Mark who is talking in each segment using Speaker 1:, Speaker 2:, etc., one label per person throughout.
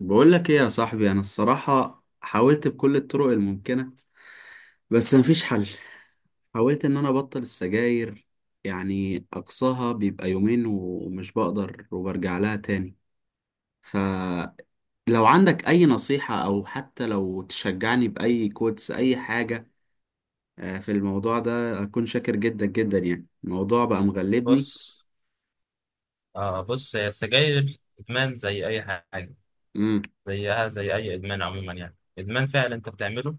Speaker 1: بقول لك ايه يا صاحبي، انا الصراحة حاولت بكل الطرق الممكنة، بس مفيش حل. حاولت ان انا ابطل السجاير، يعني اقصاها بيبقى يومين ومش بقدر وبرجع لها تاني. فلو عندك اي نصيحة او حتى لو تشجعني باي كوتس اي حاجة في الموضوع ده اكون شاكر جدا جدا، يعني الموضوع بقى
Speaker 2: بص
Speaker 1: مغلبني.
Speaker 2: آه بص هي السجاير إدمان زي أي حاجة.
Speaker 1: امم.
Speaker 2: زيها زي أي إدمان عموما، يعني إدمان فعلا أنت بتعمله.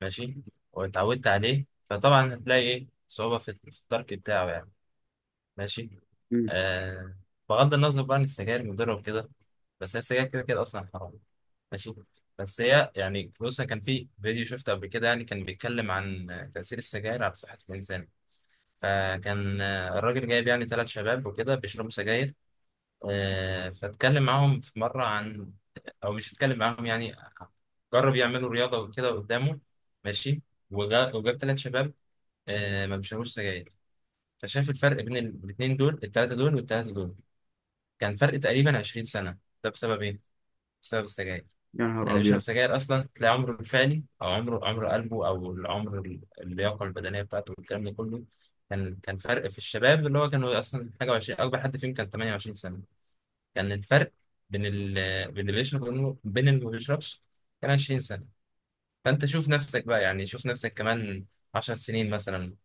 Speaker 2: ماشي. واتعودت عليه، فطبعا هتلاقي إيه صعوبة في الترك بتاعه يعني. ماشي.
Speaker 1: أمم.
Speaker 2: آه. بغض النظر بقى عن السجاير مضرة وكده، بس هي السجاير كده كده أصلا حرام. ماشي. بس هي يعني بص، كان في فيديو شفته قبل كده يعني، كان بيتكلم عن تأثير السجاير على صحة الإنسان. فكان الراجل جايب يعني ثلاث شباب وكده بيشربوا سجاير. فاتكلم معاهم في مرة عن، أو مش اتكلم معاهم يعني، جرب يعملوا رياضة وكده قدامه. ماشي. وجاب ثلاث شباب ما بيشربوش سجاير. فشاف الفرق بين الاتنين دول، التلاتة دول والتلاتة دول، كان فرق تقريبا 20 سنة. ده بسبب إيه؟ بسبب السجاير. يعني
Speaker 1: يا نهار
Speaker 2: اللي بيشرب
Speaker 1: ابيض!
Speaker 2: سجاير أصلا تلاقي عمره الفعلي، أو عمره، عمر قلبه، أو العمر اللياقة البدنية بتاعته والكلام ده كله، كان فرق في الشباب اللي هو كانوا أصلا حاجة وعشرين، أكبر حد فيهم كان 28 سنة. كان الفرق بين ال... بين اللي بيشرب وبين اللي ما بيشربش كان 20 سنة. فأنت شوف نفسك بقى، يعني شوف نفسك كمان 10 سنين مثلا،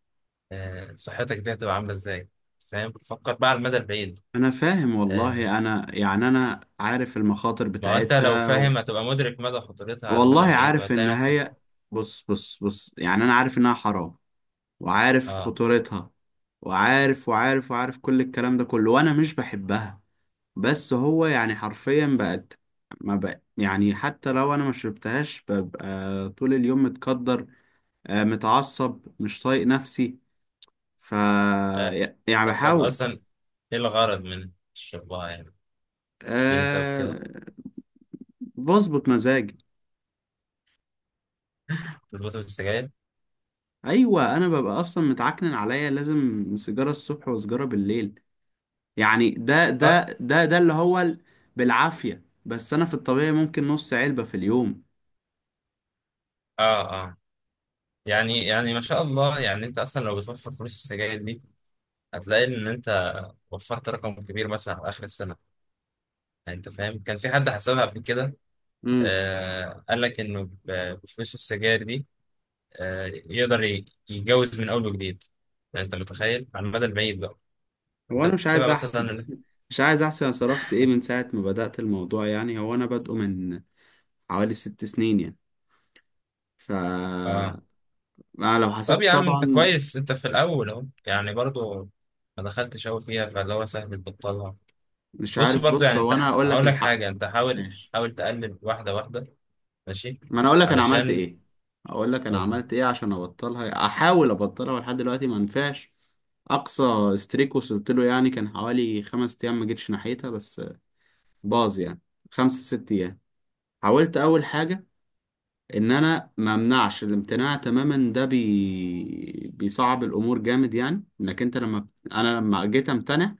Speaker 2: صحتك دي هتبقى عاملة إزاي. فاهم؟ فكر بقى على المدى البعيد.
Speaker 1: انا فاهم
Speaker 2: آه،
Speaker 1: والله، انا يعني انا عارف المخاطر
Speaker 2: ما هو أنت لو
Speaker 1: بتاعتها.
Speaker 2: فاهم هتبقى مدرك مدى خطورتها على المدى
Speaker 1: والله
Speaker 2: البعيد
Speaker 1: عارف ان
Speaker 2: وهتلاقي نفسك.
Speaker 1: هي، بص بص بص، يعني انا عارف انها حرام، وعارف
Speaker 2: آه.
Speaker 1: خطورتها، وعارف وعارف وعارف كل الكلام ده كله، وانا مش بحبها. بس هو يعني حرفيا بقت، ما بقى يعني حتى لو انا ما شربتهاش ببقى طول اليوم متقدر، متعصب مش طايق نفسي ف
Speaker 2: آه.
Speaker 1: يعني
Speaker 2: طب
Speaker 1: بحاول.
Speaker 2: أصلا إيه الغرض من شربها يعني؟ اديني سبب كده.
Speaker 1: أه، بظبط مزاجي.
Speaker 2: تظبط السجاير؟
Speaker 1: ايوه، انا ببقى اصلا متعكنن عليا، لازم سيجاره الصبح وسيجاره بالليل. يعني ده ده
Speaker 2: طب.
Speaker 1: ده ده اللي هو بالعافية، بس انا في الطبيعي ممكن نص علبة في اليوم.
Speaker 2: آه، آه. يعني ما شاء الله، يعني أنت أصلا لو بتوفر فلوس السجاير دي هتلاقي إن أنت وفرت رقم كبير مثلا على اخر السنه. يعني انت فاهم؟ كان في حد حسبها قبل كده،
Speaker 1: امم.
Speaker 2: آه قال لك انه بفلوس السجاير دي آه يقدر يتجوز من اول وجديد. يعني انت متخيل على المدى البعيد بقى؟
Speaker 1: هو
Speaker 2: انت
Speaker 1: انا مش
Speaker 2: بتحسبها
Speaker 1: عايز احسب.
Speaker 2: مثلا؟
Speaker 1: مش عايز احسب انا صرفت ايه من ساعة ما بدأت الموضوع، يعني هو انا بادئه من حوالي 6 سنين يعني ف
Speaker 2: اه.
Speaker 1: أنا لو
Speaker 2: طب
Speaker 1: حسبت
Speaker 2: يا عم انت
Speaker 1: طبعا...
Speaker 2: كويس، انت في الاول اهو يعني، برضو ما دخلتش قوي فيها، فاللي هو سهل تبطلها.
Speaker 1: مش
Speaker 2: بص،
Speaker 1: عارف.
Speaker 2: برضو
Speaker 1: بص،
Speaker 2: يعني انت
Speaker 1: هو انا هقول لك
Speaker 2: هقول لك
Speaker 1: الحق.
Speaker 2: حاجه، انت حاول
Speaker 1: ماشي.
Speaker 2: حاول تقلل واحده واحده. ماشي.
Speaker 1: ما انا اقول لك انا عملت
Speaker 2: علشان.
Speaker 1: ايه اقول لك انا
Speaker 2: اه
Speaker 1: عملت ايه عشان ابطلها، احاول ابطلها لحد دلوقتي ما نفعش. اقصى استريك وصلت له، يعني كان حوالي 5 ايام ما جيتش ناحيتها، بس باظ يعني. خمسة ست أيام. حاولت أول حاجة، إن أنا ما أمنعش. الامتناع تماما ده بيصعب الأمور جامد، يعني إنك أنت لما بت... أنا لما جيت أمتنع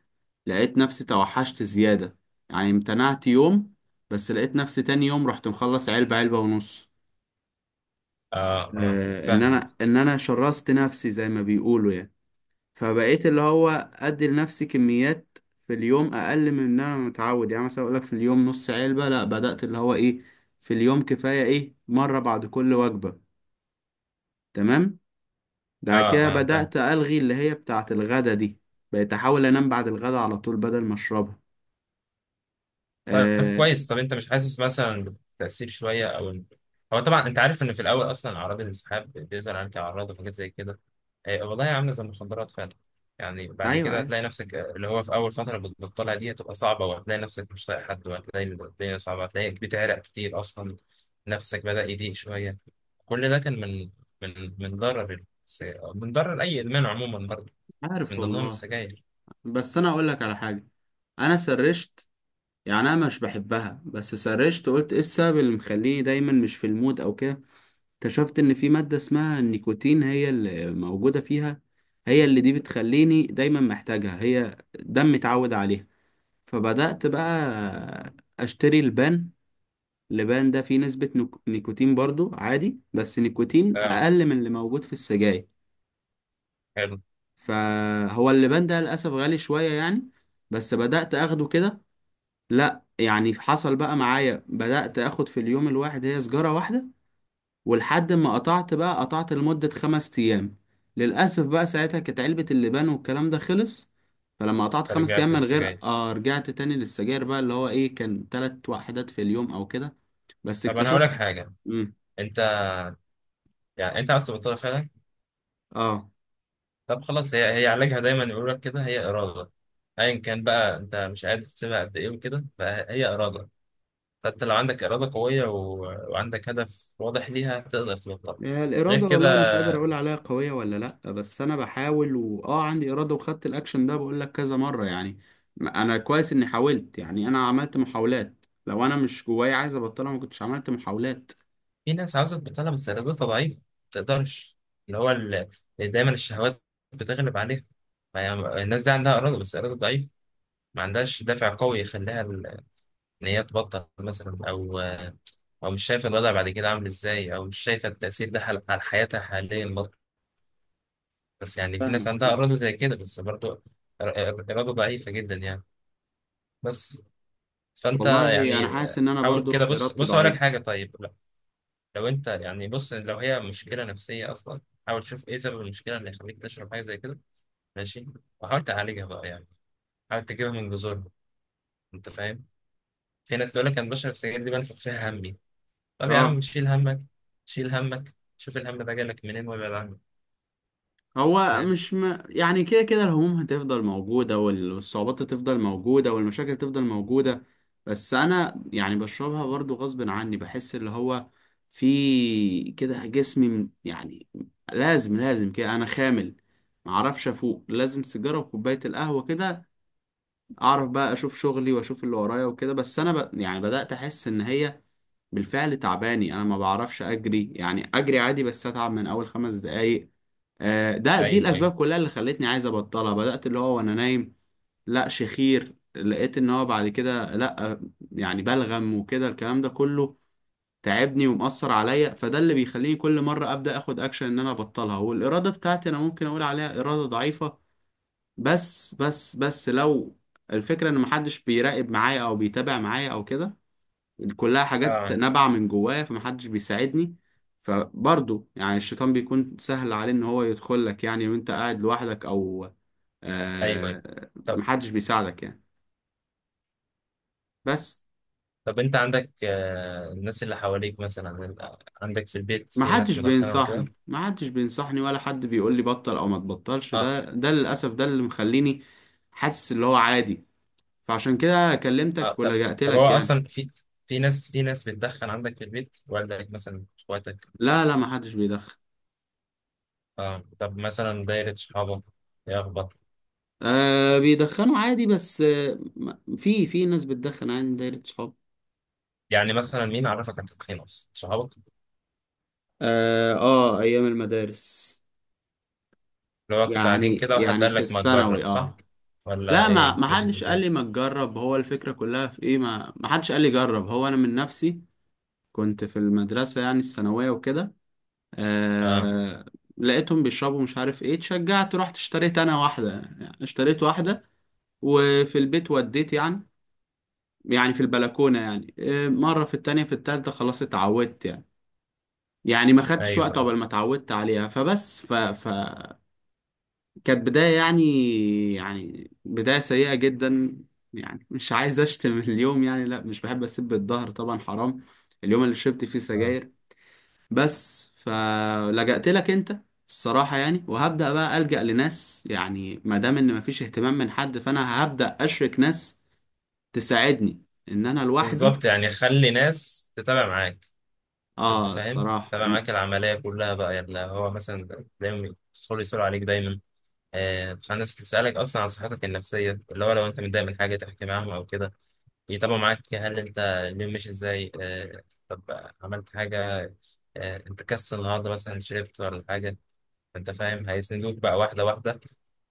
Speaker 1: لقيت نفسي توحشت زيادة. يعني امتنعت يوم، بس لقيت نفسي تاني يوم رحت مخلص علبة، علبة ونص.
Speaker 2: اه،
Speaker 1: آه، إن
Speaker 2: فاهمك.
Speaker 1: أنا إن أنا شرست نفسي زي ما بيقولوا يعني. فبقيت اللي هو ادي لنفسي كميات في اليوم اقل من ان انا متعود. يعني مثلا اقول لك في اليوم نص علبة. لا، بدأت اللي هو ايه، في اليوم كفاية ايه، مرة بعد كل وجبة. تمام. بعد
Speaker 2: اه
Speaker 1: كده
Speaker 2: اه، فاهمك.
Speaker 1: بدأت ألغي اللي هي بتاعة الغدا دي. بقيت احاول انام بعد الغدا على طول بدل ما اشربها.
Speaker 2: طيب،
Speaker 1: آه.
Speaker 2: كويس. طب انت مش حاسس مثلا بتأثير شوية، او ان. هو طبعا انت عارف ان في الاول اصلا اعراض الانسحاب بيظهر عليك، اعراض وحاجات زي كده. اه والله عاملة زي المخدرات فعلا. يعني بعد
Speaker 1: ايوه،
Speaker 2: كده
Speaker 1: ايوه.
Speaker 2: هتلاقي نفسك، اللي هو في اول فترة بتبطلها دي هتبقى صعبة، وهتلاقي نفسك مش طايق حد، وهتلاقي إن الدنيا صعبة، هتلاقيك بتعرق كتير اصلا. نفسك بدأ يضيق شوية. كل ده كان من من ضرر من ضرر اي ادمان عموما برضه،
Speaker 1: عارف
Speaker 2: من ضمنهم
Speaker 1: والله.
Speaker 2: السجاير.
Speaker 1: بس انا اقول لك على حاجة. انا سرشت، يعني انا مش بحبها، بس سرشت قلت ايه السبب اللي مخليني دايما مش في المود او كده. اكتشفت ان في مادة اسمها النيكوتين هي اللي موجودة فيها. هي اللي دي بتخليني دايما محتاجها، هي دم متعود عليها. فبدأت بقى اشتري البان. اللبان ده فيه نسبة نيكوتين برضو عادي، بس نيكوتين
Speaker 2: اه،
Speaker 1: اقل من اللي موجود في السجاير.
Speaker 2: حلو.
Speaker 1: فهو اللبان ده للأسف غالي شوية يعني. بس بدأت اخده كده. لا يعني حصل بقى معايا، بدأت اخد في اليوم الواحد هي سجارة واحدة. ولحد ما قطعت، بقى قطعت لمدة 5 أيام. للأسف بقى ساعتها كانت علبة اللبان والكلام ده خلص. فلما قطعت 5 أيام
Speaker 2: رجعت
Speaker 1: من غير،
Speaker 2: السجاير؟
Speaker 1: رجعت تاني للسجاير، بقى اللي هو إيه، كان 3 وحدات في اليوم أو كده. بس
Speaker 2: طب انا هقول لك
Speaker 1: اكتشفت.
Speaker 2: حاجة.
Speaker 1: مم.
Speaker 2: انت، يعني انت عاوز تبطلها فعلا؟
Speaker 1: آه.
Speaker 2: طب خلاص، هي علاجها دايما يقول لك كده، هي اراده. ايا كان بقى انت مش قادر تسيبها قد ايه وكده، فهي اراده. فانت لو عندك اراده قويه، و... وعندك هدف واضح ليها تقدر تبطلها. غير
Speaker 1: الإرادة
Speaker 2: كده،
Speaker 1: والله مش قادر أقول عليها قوية ولا... لأ، بس أنا بحاول وآه عندي إرادة وخدت الأكشن ده، بقول لك كذا مرة يعني. أنا كويس إني حاولت، يعني أنا عملت محاولات، لو أنا مش جوايا عايز أبطلها ما كنتش عملت محاولات.
Speaker 2: في ناس عاوزه تبطلها بس ارادتها ضعيفه ما تقدرش، اللي هو ال. دايما الشهوات بتغلب عليها. ما هي- الناس دي عندها اراده بس اراده ضعيفه، ما عندهاش دافع قوي يخليها ان هي تبطل مثلا، او او مش شايفه الوضع بعد كده عامل ازاي، او مش شايفه التاثير ده على حياتها حاليا برضه. بس يعني في ناس عندها
Speaker 1: فاهمك.
Speaker 2: اراده زي كده، بس برضه إر- إر- اراده ضعيفه جدا يعني. بس. فانت
Speaker 1: والله انا
Speaker 2: يعني
Speaker 1: حاسس ان انا
Speaker 2: حاول
Speaker 1: برضو
Speaker 2: كده. بص
Speaker 1: ارادتي
Speaker 2: بص، اقول لك
Speaker 1: ضعيفه.
Speaker 2: حاجه. طيب لا. لو انت يعني بص، لو هي مشكله نفسيه اصلا، حاول تشوف ايه سبب المشكله اللي يخليك تشرب حاجه زي كده. ماشي. وحاول تعالجها بقى يعني، حاول تجيبها من جذورها. انت فاهم؟ في ناس تقول لك انا بشرب السجاير دي بنفخ فيها همي. طب يا عم
Speaker 1: اه.
Speaker 2: شيل همك. شيل همك، شوف الهم ده جالك منين وابعد عنه.
Speaker 1: هو
Speaker 2: فاهم؟
Speaker 1: مش يعني كده كده الهموم هتفضل موجوده والصعوبات هتفضل موجوده والمشاكل هتفضل موجوده. بس انا يعني بشربها برضو غصب عني، بحس اللي هو في كده جسمي يعني لازم لازم كده انا خامل، معرفش افوق، لازم سيجاره وكوبايه القهوه كده. اعرف بقى اشوف شغلي واشوف اللي ورايا وكده. بس انا يعني بدات احس ان هي بالفعل تعباني، انا ما بعرفش اجري، يعني اجري عادي بس اتعب من اول 5 دقايق. دي
Speaker 2: ايوه، ايوه.
Speaker 1: الاسباب كلها اللي خلتني عايز ابطلها. بدات اللي هو وانا نايم لا شخير، لقيت ان هو بعد كده لا، يعني بلغم وكده الكلام ده كله تعبني ومأثر عليا. فده اللي بيخليني كل مرة ابدا اخد اكشن ان انا ابطلها، والارادة بتاعتي انا ممكن اقول عليها ارادة ضعيفة. بس لو الفكرة ان محدش بيراقب معايا او بيتابع معايا او كده، كلها حاجات
Speaker 2: اه،
Speaker 1: نابعة من جوايا، فمحدش بيساعدني. فبرضه يعني الشيطان بيكون سهل عليه ان هو يدخل لك، يعني وانت قاعد لوحدك او
Speaker 2: ايوه، ايوه. طب
Speaker 1: محدش بيساعدك يعني. بس
Speaker 2: طب انت عندك الناس اللي حواليك، مثلا عندك في البيت في ناس
Speaker 1: محدش
Speaker 2: مدخنه وكده؟
Speaker 1: بينصحني، محدش بينصحني، ولا حد بيقول لي بطل او ما تبطلش.
Speaker 2: اه،
Speaker 1: ده للاسف ده اللي مخليني حاسس اللي هو عادي، فعشان كده
Speaker 2: اه.
Speaker 1: كلمتك
Speaker 2: طب
Speaker 1: ولجأت
Speaker 2: طب هو
Speaker 1: لك يعني.
Speaker 2: اصلا في ناس بتدخن عندك في البيت؟ والدك مثلا، اخواتك؟
Speaker 1: لا، لا، محدش بيدخن.
Speaker 2: اه. طب مثلا دايره صحابك، ايه اخبار؟
Speaker 1: آه، بيدخنوا عادي، بس في ناس بتدخن عادي من دايرة صحابي.
Speaker 2: يعني مثلا مين عرفك على التدخين اصلا؟ صحابك؟
Speaker 1: اه، ايام المدارس.
Speaker 2: اللي هو كنتوا
Speaker 1: يعني
Speaker 2: قاعدين كده وحد
Speaker 1: يعني
Speaker 2: قال
Speaker 1: في
Speaker 2: لك ما
Speaker 1: الثانوي.
Speaker 2: تجرب، صح؟
Speaker 1: اه.
Speaker 2: ولا
Speaker 1: لا، ما
Speaker 2: ايه،
Speaker 1: ما
Speaker 2: مشيت
Speaker 1: حدش قال
Speaker 2: ازاي؟
Speaker 1: لي ما تجرب. هو الفكرة كلها في ايه، ما حدش قال لي جرب، هو انا من نفسي. كنت في المدرسة يعني الثانوية وكده.
Speaker 2: اه،
Speaker 1: آه. لقيتهم بيشربوا مش عارف ايه، اتشجعت رحت اشتريت انا واحدة، يعني اشتريت واحدة. وفي البيت وديت يعني في البلكونة يعني، مرة، في التانية، في التالتة خلاص اتعودت يعني. يعني ما خدتش وقت
Speaker 2: ايوه.
Speaker 1: عقبال ما اتعودت عليها، فبس ف ف كانت بداية، يعني بداية سيئة جدا. يعني مش عايز أشتم اليوم يعني، لا مش بحب أسب الظهر طبعا حرام، اليوم اللي شربت فيه
Speaker 2: آه.
Speaker 1: سجاير. بس فلجأت لك أنت الصراحة يعني، وهبدأ بقى ألجأ لناس، يعني ما دام إن مفيش اهتمام من حد فأنا هبدأ أشرك ناس تساعدني إن أنا لوحدي.
Speaker 2: بالظبط. يعني خلي ناس تتابع معاك. انت فاهم؟
Speaker 1: الصراحة
Speaker 2: تتابع
Speaker 1: أنا.
Speaker 2: معاك العمليه كلها بقى، يعني، لا، هو مثلا دايما يدخل يسألوا عليك دايما. ناس تسألك أصلا عن صحتك النفسية، اللي هو لو أنت متضايق من حاجة تحكي معاهم أو كده، يتابعوا معاك هل أنت اليوم ماشي إزاي. آه. طب عملت حاجة؟ أنت كسل النهاردة مثلا، شربت ولا حاجة؟ أنت فاهم؟ هيسندوك بقى واحدة واحدة،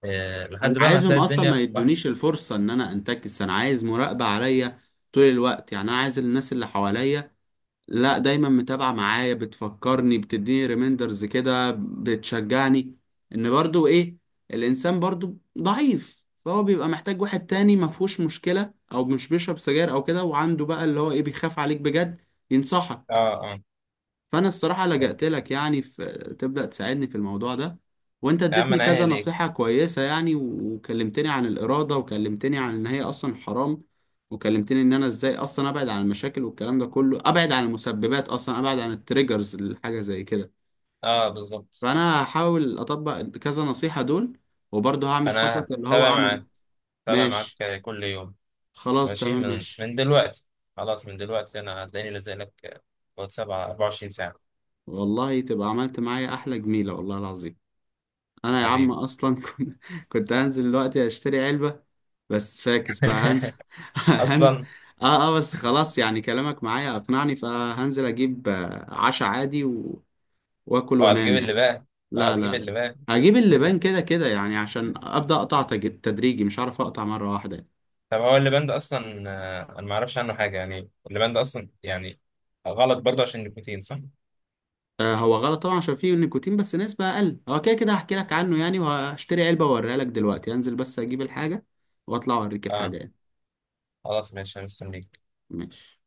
Speaker 1: أنا
Speaker 2: لحد بقى ما
Speaker 1: عايزهم
Speaker 2: هتلاقي
Speaker 1: أصلا ما
Speaker 2: الدنيا واحدة.
Speaker 1: يدونيش الفرصة إن أنا أنتكس. أنا عايز مراقبة عليا طول الوقت، يعني أنا عايز الناس اللي حواليا لا دايما متابعة معايا، بتفكرني، بتديني ريميندرز كده، بتشجعني. ان برضو ايه، الانسان برضو ضعيف، فهو بيبقى محتاج واحد تاني ما فيهوش مشكلة او مش بيشرب سجاير او كده، وعنده بقى اللي هو ايه بيخاف عليك بجد ينصحك.
Speaker 2: اه، اه.
Speaker 1: فانا الصراحه لجأت لك يعني في، تبدأ تساعدني في الموضوع ده. وانت
Speaker 2: يا عم
Speaker 1: اديتني
Speaker 2: أنا
Speaker 1: كذا
Speaker 2: عيني ليك.
Speaker 1: نصيحه كويسه يعني، وكلمتني عن الاراده، وكلمتني عن ان هي اصلا حرام. وكلمتني ان انا ازاي اصلا ابعد عن المشاكل والكلام ده كله، ابعد عن المسببات، اصلا ابعد عن التريجرز لحاجه زي كده.
Speaker 2: اه، بالظبط.
Speaker 1: فانا هحاول اطبق كذا نصيحه دول، وبرضه هعمل خطوه
Speaker 2: أنا
Speaker 1: اللي هو
Speaker 2: تابع
Speaker 1: اعمل.
Speaker 2: معاك. تابع
Speaker 1: ماشي.
Speaker 2: معاك كل يوم.
Speaker 1: خلاص
Speaker 2: ماشي.
Speaker 1: تمام.
Speaker 2: من
Speaker 1: ماشي.
Speaker 2: من دلوقتي، خلاص من دلوقتي انا هتلاقيني لازق لك، واتساب على 24 ساعة.
Speaker 1: والله تبقى عملت معايا احلى جميله والله العظيم. انا يا عم
Speaker 2: حبيبي.
Speaker 1: اصلا كنت هنزل دلوقتي اشتري علبه، بس فاكس بقى هنزل. هن...
Speaker 2: اصلا.
Speaker 1: اه، اه، بس خلاص، يعني كلامك معايا اقنعني فهنزل اجيب عشا عادي واكل
Speaker 2: اوعى تجيب
Speaker 1: وانام
Speaker 2: اللي
Speaker 1: يعني.
Speaker 2: بقى. اوعى
Speaker 1: لا، لا،
Speaker 2: تجيب
Speaker 1: لا.
Speaker 2: اللي بقى.
Speaker 1: هجيب اللبان كده كده يعني، عشان ابدا اقطع تدريجي، مش هعرف اقطع مره واحده يعني.
Speaker 2: طب هو اللي بند اصلا، انا ما اعرفش عنه حاجة يعني. اللي بند اصلا يعني، غلط برضه عشان النيكوتين، صح؟
Speaker 1: آه، هو غلط طبعا عشان فيه نيكوتين بس نسبه اقل، هو كده كده هحكي لك عنه يعني، وهشتري علبه واوريها لك دلوقتي. هنزل بس اجيب الحاجه واطلع اوريك
Speaker 2: اه،
Speaker 1: الحاجه يعني.
Speaker 2: خلاص ماشي انا مستنيك.
Speaker 1: ماشي.